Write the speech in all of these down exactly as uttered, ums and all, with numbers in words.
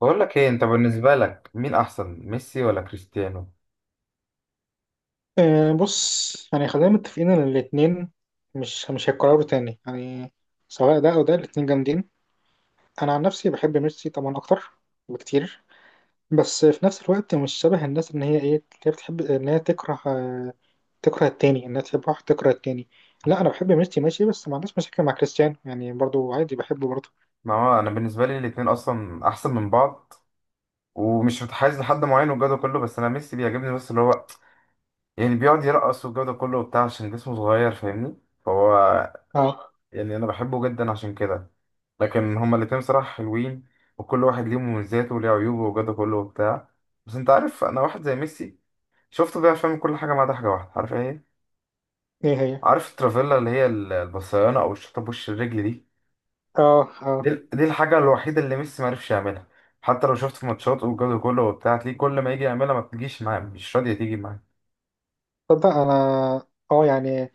بقول لك ايه، انت بالنسبه لك مين احسن، ميسي ولا كريستيانو؟ آه، بص يعني خلينا متفقين ان الاتنين مش مش هيتكرروا تاني يعني. سواء ده او ده الاتنين جامدين. انا عن نفسي بحب ميرسي طبعا اكتر بكتير. بس في نفس الوقت مش شبه الناس ان هي ايه اللي هي بتحب ان هي تكره، آه، تكره التاني، انها تحب واحد تكره التاني. لا انا بحب ميرسي ماشي، بس ما عنديش مشاكل مع كريستيانو يعني، برضو عادي بحبه برضو. ما هو انا بالنسبه لي الاثنين اصلا احسن من بعض ومش متحيز لحد معين والجو ده كله. بس انا ميسي بيعجبني بس اللي هو يعني بيقعد يرقص والجو ده كله وبتاع عشان جسمه صغير فاهمني. فهو اه. يعني انا بحبه جدا عشان كده. لكن هما الاثنين بصراحه حلوين، وكل واحد ليه مميزاته وليه عيوبه والجو ده كله وبتاع. بس انت عارف انا واحد زي ميسي شفته بيعرف يعمل كل حاجه ما عدا حاجه واحده، عارف ايه؟ ايه هي؟ عارف الترافيلا اللي هي البصيانه او الشوطه بوش الرجل دي؟ اه اه. دي دي الحاجة الوحيدة اللي ميسي معرفش يعملها. حتى لو شفت في ماتشات والجو كله وبتاع تلاقيه كل ما يجي يعملها ما بتجيش معاه، مش راضية تيجي معاه. تصدق انا اه يعني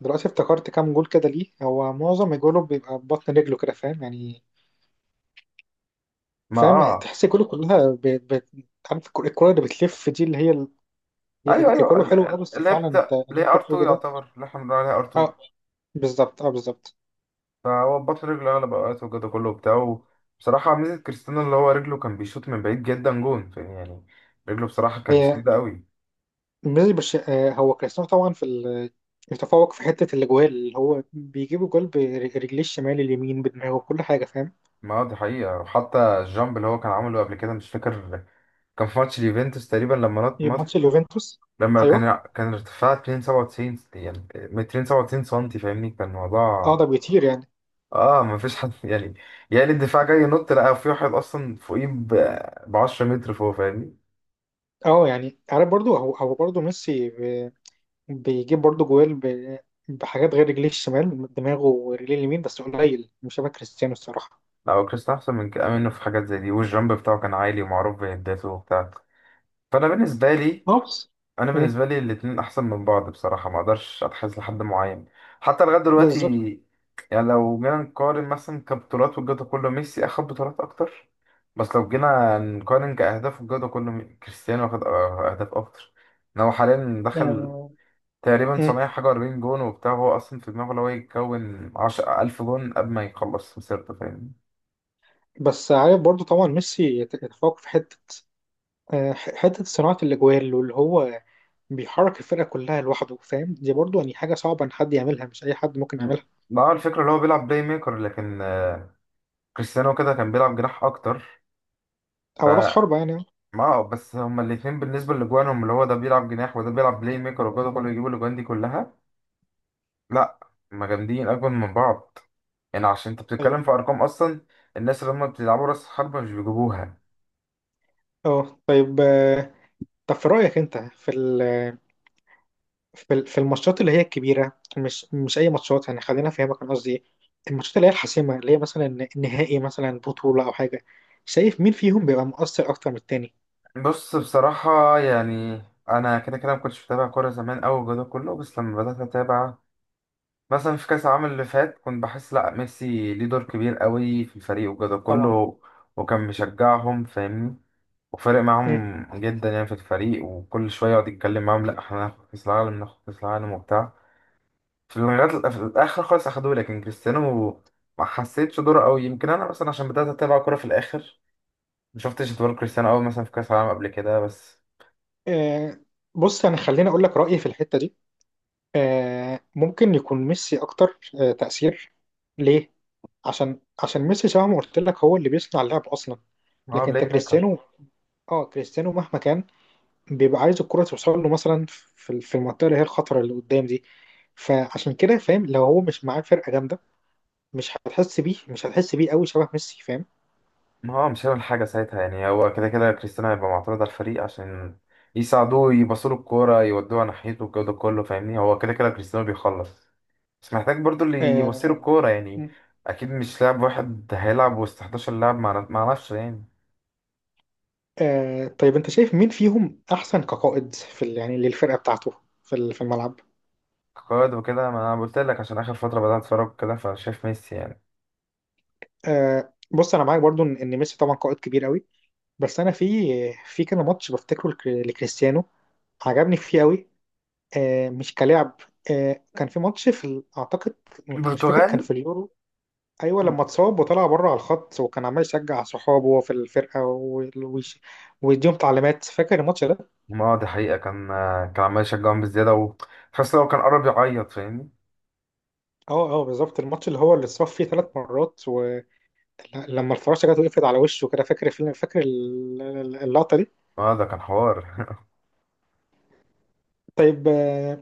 دلوقتي افتكرت كام جول كده، ليه هو معظم جوله بيبقى ببطن رجله كده فاهم يعني. ما فاهم اه، تحس الكوره كلها ب... ب... عارف الكرة الكرة اللي بتلف دي اللي هي ال... هي ايوه ايوه الكوره ال- حلوه. اه ال- بس اللي هي فعلا انت بتاع اللي اللي انت هي ار2 بتقوله ده. يعتبر، اللي احنا بنقول عليها ار2. اه بالظبط، اه بالظبط. فهو بطل رجله اغلب الاوقات والجو كله وبتاع. بصراحة ميزة كريستيانو اللي هو رجله كان بيشوط من بعيد جدا جون فاهم يعني، رجله بصراحة كانت هي شديدة قوي. بالنسبه برش... آه هو كريستيانو طبعا في ال... يتفوق في حته الاجوال، اللي هو بيجيب الجول برجليه الشمال، اليمين، بدماغه، كل حاجه فاهم. ما هو دي حقيقة، وحتى الجامب اللي هو كان عامله قبل كده مش فاكر، كان في ماتش اليوفنتوس تقريبا لما نط. ماتش اليوفنتوس. لما ايوه. كان كان ارتفاع مية وسبعة وتسعين، يعني مية وسبعة وتسعين سنتي فاهمني كان اه ده الموضوع. بيطير يعني. اه ما فيش حد يعني. يعني الدفاع جاي ينط لقى في واحد اصلا فوقيه ب عشرة متر فوق فاهمني. اه يعني عارف برضو هو هو برضو ميسي ب- بيجيب برضو جوال ب- بحاجات غير رجليه الشمال، دماغه، ورجليه اليمين، بس قليل مش شبه كريستيانو الصراحه. لا هو كريستيانو احسن من كده منه في حاجات زي دي، والجامب بتاعه كان عالي ومعروف بهداته وبتاع. فانا بالنسبه لي، نفس. انا مم. بالنسبه لي الاتنين احسن من بعض بصراحه، ما اقدرش اتحيز لحد معين حتى لغايه دلوقتي. بالظبط. يعني لو جينا نقارن مثلا كبطولات والجوده كله ميسي اخد بطولات اكتر، بس لو جينا نقارن كاهداف والجوده كله مي- كريستيانو واخد أه- اهداف اكتر. ان هو حاليا دخل آه، تقريبا مم. سبعمية حاجه اربعين جون وبتاع، هو اصلا في دماغه لو يكون عشرة الف جون قبل ما يخلص مسيرته فاهمني. بس عارف برضو طبعا ميسي يت- يتفوق في حتة، آه، ح- حتة صناعة الأجوال، واللي هو بيحرك الفرقة كلها لوحده فاهم، دي برضو يعني حاجة صعبة إن حد يعملها، مش أي حد ممكن م. يعملها. ما هو الفكره اللي هو بيلعب بلاي ميكر، لكن آه، كريستيانو كده كان بيلعب جناح اكتر. ف أو رأس حربة يعني. ما هو بس هما الاثنين بالنسبة لجوانهم اللي هو ده بيلعب جناح وده بيلعب بلاي ميكر وجوده كله بيجيب الاجوان دي كلها. لا، هما جامدين اجمل من بعض. يعني عشان انت بتتكلم في طيب. ارقام اصلا، الناس اللي هما بتلعبوا راس حربة مش بيجيبوها. أه طيب. آه، طب في رأيك أنت في ال- في ال- في الماتشات اللي هي الكبيرة، مش مش أي ماتشات يعني، خلينا أفهمك أنا قصدي إيه. الماتشات اللي هي الحاسمة، اللي هي مثلا النهائي، مثلا بطولة أو حاجة. شايف مين فيهم بيبقى مؤثر أكتر من التاني؟ بص بصراحة يعني انا كده كده ما كنتش بتابع كورة زمان اوي الجو ده كله، بس لما بدأت اتابع مثلا في كأس العالم اللي فات كنت بحس لأ ميسي ليه دور كبير قوي في الفريق وكده طبعا. كله، وكان مشجعهم فاهمني، وفارق معاهم جدا يعني في الفريق وكل شوية يقعد يتكلم معاهم لأ احنا هناخد كأس العالم، ناخد كأس العالم وبتاع، في لغاية في الآخر خالص أخدوه. لكن كريستيانو ما حسيتش دوره قوي، يمكن أنا مثلا عشان بدأت أتابع كورة في الآخر ما شفتش دور كريستيانو قوي مثلا في كأس العالم قبل كده بس. آه، بص انا خليني اقول لك رايي في الحته دي. آه، ممكن يكون ميسي اكتر آه، تاثير. ليه؟ عشان عشان ميسي زي ما قلت لك هو اللي بيصنع اللعب اصلا. هو لكن بلاي انت ميكر. كريستيانو، اه كريستيانو مهما كان بيبقى عايز الكره توصل له، مثلا في في المنطقه اللي هي الخطره اللي قدام دي. فعشان كده فاهم، لو هو مش معاه فرقه جامده مش هتحس بيه، مش هتحس بيه قوي شبه ميسي فاهم. ما هو مش هيعمل حاجة ساعتها يعني، هو كده كده كريستيانو هيبقى معترض على الفريق عشان يساعدوه يباصوا له الكورة يودوها ناحيته والجو ده كله فاهمني، هو كده كده كريستيانو بيخلص بس محتاج برضو اللي يبصيله آه. الكورة يعني. أكيد مش لاعب واحد هيلعب وسط احد عشر لاعب مع مع نفسه يعني. آه طيب انت شايف مين فيهم احسن كقائد في ال- يعني للفرقه بتاعته، في ال- في الملعب. قائد وكده، ما أنا قلت لك عشان آخر فترة بدأت أتفرج كده فشايف ميسي يعني. آه بص انا معاك برضو ان إن ميسي طبعا قائد كبير قوي. بس انا في، في كان ماتش بفتكره لك- لكريستيانو، عجبني فيه قوي. آه مش كلاعب. آه كان في ماتش في ال- اعتقد مش فاكر، كان البرتغال. في اليورو. ايوه لما اتصاب وطلع بره على الخط، وكان عمال يشجع صحابه وهو في الفرقه، و- ويش- ويديهم تعليمات، فاكر الماتش ده؟ ما دي حقيقة، كان كان عمال يشجعهم بزيادة وتحس لو كان قرب يعيط فاهمني. اه اه بالظبط، الماتش اللي هو اللي اتصاب فيه ثلاث مرات، ولما الفراشه جت وقفت على وشه كده، فاكر الفيلم فاكر ال- ال- اللقطه دي؟ اه ده كان حوار طيب. آه،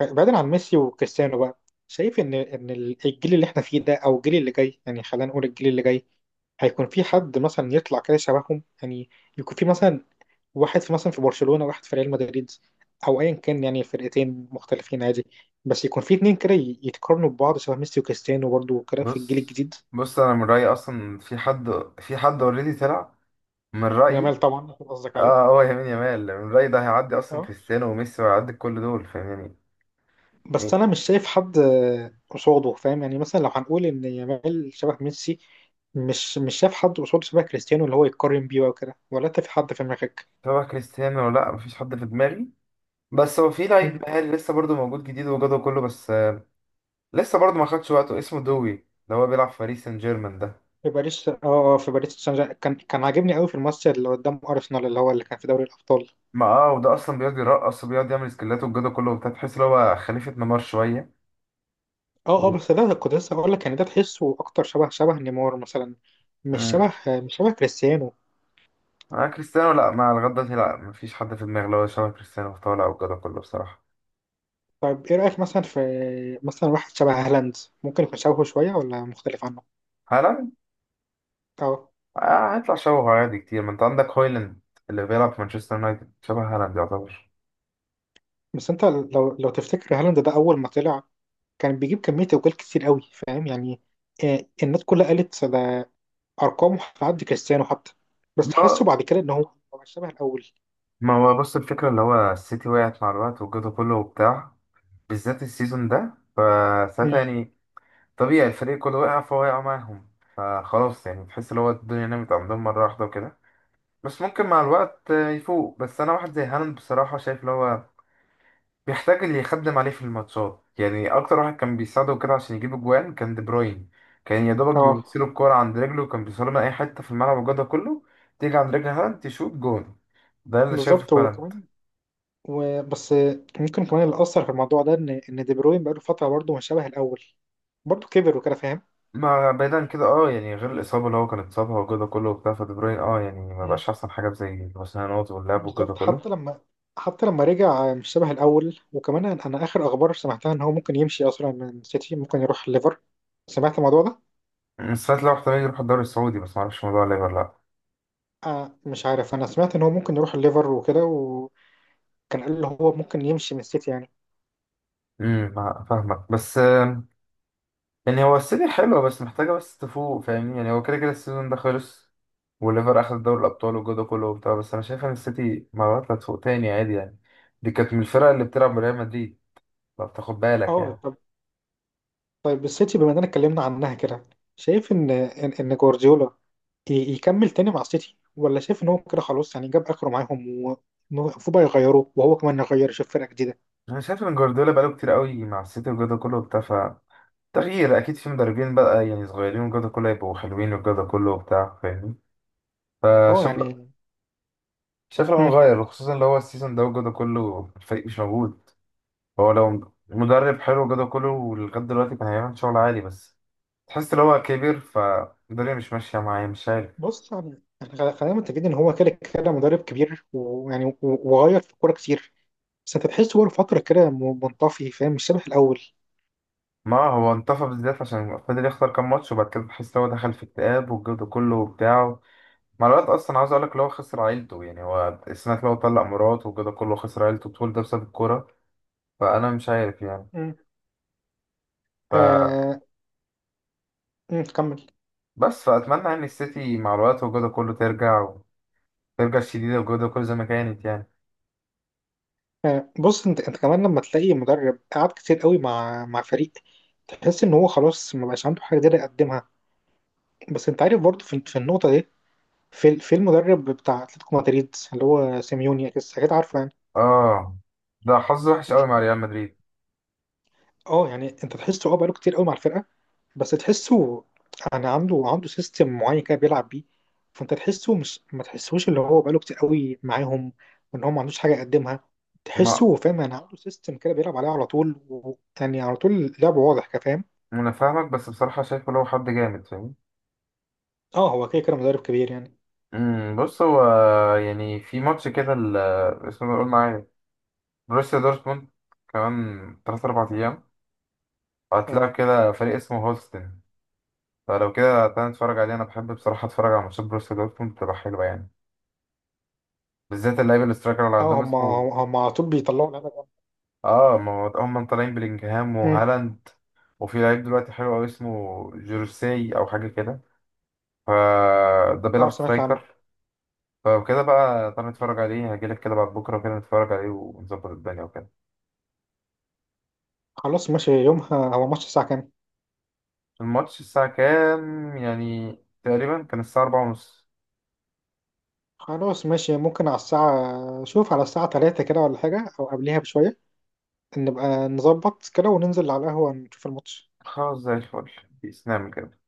بعيدا عن ميسي وكريستيانو بقى، شايف ان ان الجيل اللي احنا فيه ده او الجيل اللي جاي، يعني خلينا نقول الجيل اللي جاي، هيكون في حد مثلا يطلع كده شبههم يعني. يكون في مثلا واحد في مثلا في برشلونة، واحد في ريال مدريد، او ايا كان يعني فرقتين مختلفين عادي. بس يكون في اتنين كده ي- يتقارنوا ببعض شبه ميسي وكريستيانو برضه، وكده في الجيل بص، الجديد. بص انا من رايي اصلا في حد، في حد اوريدي طلع من يامال رايي. طبعا أكيد قصدك اه عليه. هو يمين يامال، من رايي ده هيعدي اصلا اه كريستيانو وميسي وهيعدي كل دول فاهماني. بس يعني انا مش شايف حد آه، قصاده فاهم يعني، مثلا لو هنقول ان يامال شبه ميسي، مش مش شايف حد قصاده شبه كريستيانو اللي هو يتقارن بيه وكده، ولا انت في حد في دماغك؟ سواء كريستيانو ولا لا مفيش حد في دماغي. بس هو في لعيب مم. مهاري لسه برضه موجود جديد وجوده كله بس آه، لسه برضه ما خدش وقته، اسمه دوي اللي هو بيلعب في باريس سان جيرمان ده. في باريس. اه، آه، في باريس سان جيرمان كان كان عاجبني قوي في الماتش اللي قدام ارسنال، اللي هو اللي كان في دوري الابطال. ما اه، وده اصلا بيقعد يرقص وبيقعد يعمل سكيلات وجوده كله وبتاع، تحس ان هو خليفه نيمار شويه. اه اه بس ده كنت لسه هقول لك يعني، ده تحسه اكتر شبه شبه نيمار مثلا، مش و... شبه مش شبه كريستيانو. مع كريستيانو لا، مع لغاية دلوقتي لا مفيش حد في دماغي اللي هو شبه كريستيانو في طالع وكده كله بصراحة. طيب ايه رايك مثلا في، مثلا واحد شبه هالاند، ممكن يكون شبهه شويه ولا مختلف عنه؟ هالاند؟ اه آه هيطلع شبهه عادي كتير، ما انت عندك هويلاند اللي بيلعب في مانشستر يونايتد شبه هالاند يعتبر. بس انت لو لو تفتكر هالاند ده اول ما طلع كان بيجيب كميه اجوال كتير قوي فاهم يعني. آه، الناس كلها قالت ده ارقامه هتعدي كريستيانو حتى. بس تحسه ما بعد كده ان هو مبقاش شبه الاول. ما هو بص الفكرة اللي هو السيتي وقعت مع الوقت وجوده كله وبتاع، بالذات السيزون ده فساعتها مم. يعني طبيعي الفريق كله وقع فهو وقع معاهم، خلاص يعني تحس اللي هو الدنيا نامت عندهم مرة واحدة وكده. بس ممكن مع الوقت آه، يفوق. بس أنا واحد زي هالاند بصراحة شايف اللي هو بيحتاج اللي يخدم عليه في الماتشات يعني، اكتر واحد كان بيساعده كده عشان يجيب اجوان كان دي بروين، كان يا دوبك اه بيوصله الكوره عند رجله وكان بيوصله من اي حته في الملعب والجو ده كله، تيجي عند رجل هالاند تشوط جون، ده اللي شايفه بالظبط، في هالاند. وكمان وبس، آه، ممكن كمان اللي اثر في الموضوع ده ان ان دي بروين بقاله فتره برضه مش شبه الاول، برضه كبر وكده فاهم. ما بعيدا كده اه يعني غير الاصابه اللي هو كان اتصابها والجو ده كله وبتاع فدي بروين اه يعني ما مم. بقاش احسن حاجه زي الوسنانات واللعب والجو ده بالظبط، حتى كله. لما حتى لما رجع آه، مش شبه الاول. وكمان انا أنا اخر اخبار سمعتها ان هو ممكن يمشي اصلا من سيتي، ممكن يروح ليفر. سمعت الموضوع ده؟ بس ساعات لو احتمال يروح الدوري السعودي بس ما اعرفش الموضوع ليه ولا لا. آه مش عارف، انا سمعت ان هو ممكن يروح الليفر وكده، وكان قال اللي هو ممكن يمشي من السيتي يعني. امم ما- فاهمك بس، يعني هو السيتي حلوة بس محتاجة بس تفوق فاهمني، يعني هو كده كده السيزون ده خلص والليفر أخد دوري الأبطال والجو ده كله وبتاع، بس أنا شايف إن السيتي مرات هتفوق تاني عادي يعني. دي كانت من الفرق اللي بتلعب بريال مدريد لو بتاخد بالك اه يعني. طب طيب. السيتي، بما اننا اتكلمنا عنها كده، شايف ان ان, إن جوارديولا ي- يكمل تاني مع السيتي، ولا شايف ان هو كده خلاص يعني جاب اخره معاهم، ومفروض بقى يغيروه، وهو كمان يغير يشوف فرقة جديدة؟ أنا شايف إن جوارديولا بقاله كتير قوي مع السيتي والجو ده كله وبتاع، ف تغيير أكيد في مدربين بقى يعني صغيرين والجو ده كله يبقوا حلوين والجو ده كله وبتاع فاهمين. اه فشايف، يعني. شايف لو مم. نغير وخصوصا اللي هو السيزون ده والجو ده كله الفريق مش موجود. هو لو مدرب حلو كده كله ولغاية دلوقتي كان هيعمل شغل عالي، بس تحس ان هو كبير فالدنيا مش ماشية معاه مش عارف. بص يعني، يعني خ- خلينا متفقين ان هو كده كده مدرب كبير، ويعني و- وغير في الكورة كتير. بس انت تحسه بقاله فترة كده م- منطفي فاهم، مش شبه الاول. ما هو انطفى بالذات عشان فضل يخسر كام ماتش وبعد كده تحس ان هو دخل في اكتئاب والجو كله بتاعه. مع الوقت اصلا عاوز اقول لك هو خسر عيلته يعني، هو السنة اللي هو طلق مراته والجو كله خسر عيلته طول ده بسبب الكورة. فانا مش عارف يعني. مم. فبس، آه. مم، كمل. فاتمنى ان السيتي مع الوقت والجو كله ترجع وترجع شديدة والجو كله زي ما كانت يعني. آه، بص انت انت كمان لما تلاقي مدرب قعد كتير قوي مع مع فريق، تحس ان هو خلاص ما بقاش عنده حاجه جديده يقدمها. بس انت عارف برضه في, في النقطه دي، في في المدرب بتاع اتلتيكو مدريد اللي هو سيميوني، اكيد أكيد عارفه يعني. اه ده حظ وحش قوي مع ريال مدريد. اه يعني انت تحسه اه بقاله كتير قوي مع الفرقه، بس تحسه يعني عنده عنده سيستم معين كده بيلعب بيه. فانت تحسه مش ما تحسوش اللي هو بقاله كتير قوي معاهم، وان هو ما عندوش حاجه يقدمها. ما تحسه فاهم يعني عنده سيستم كده بيلعب عليه على طول، و- يعني على طول لعبه واضح كفاهم. انا فاهمك، بس بصراحه شايفه لو حد جامد فاهم. اه هو كده كده مدرب كبير يعني. امم بص هو يعني في ماتش كده ال- اسمه ده قول معايا، بروسيا دورتموند كمان تلاتة اربعة ايام اه هتلاعب كده فريق اسمه هولستن. فلو كده تعالى نتفرج عليه، انا بحب بصراحه اتفرج على ماتشات بروسيا دورتموند بتبقى حلوه يعني، بالذات اللعيب الاسترايكر اللي اه عندهم هم هم اسمه. هم على طول بيطلعوا لعيبه جامدة. اه ما هو هم طالعين بلينجهام أمم. وهالاند، وفي لعيب دلوقتي حلو قوي اسمه جورسي او حاجه كده، فده بيلعب اه سمعت عنه. سترايكر. فلو كده بقى تعالى نتفرج عليه هجيلك كده بعد بكرة كده نتفرج عليه ونظبط الدنيا وكده. خلاص ماشي. يومها هو ماتش الساعة كام؟ الماتش الساعة كام يعني؟ تقريبا كان الساعة أربعة ونص. خلاص ماشي، ممكن على الساعة، شوف، على الساعة تلاتة كده ولا حاجة، أو قبليها بشوية، نبقى نظبط كده وننزل على القهوة نشوف الماتش. خلاص زي الفل، بإسلام كده.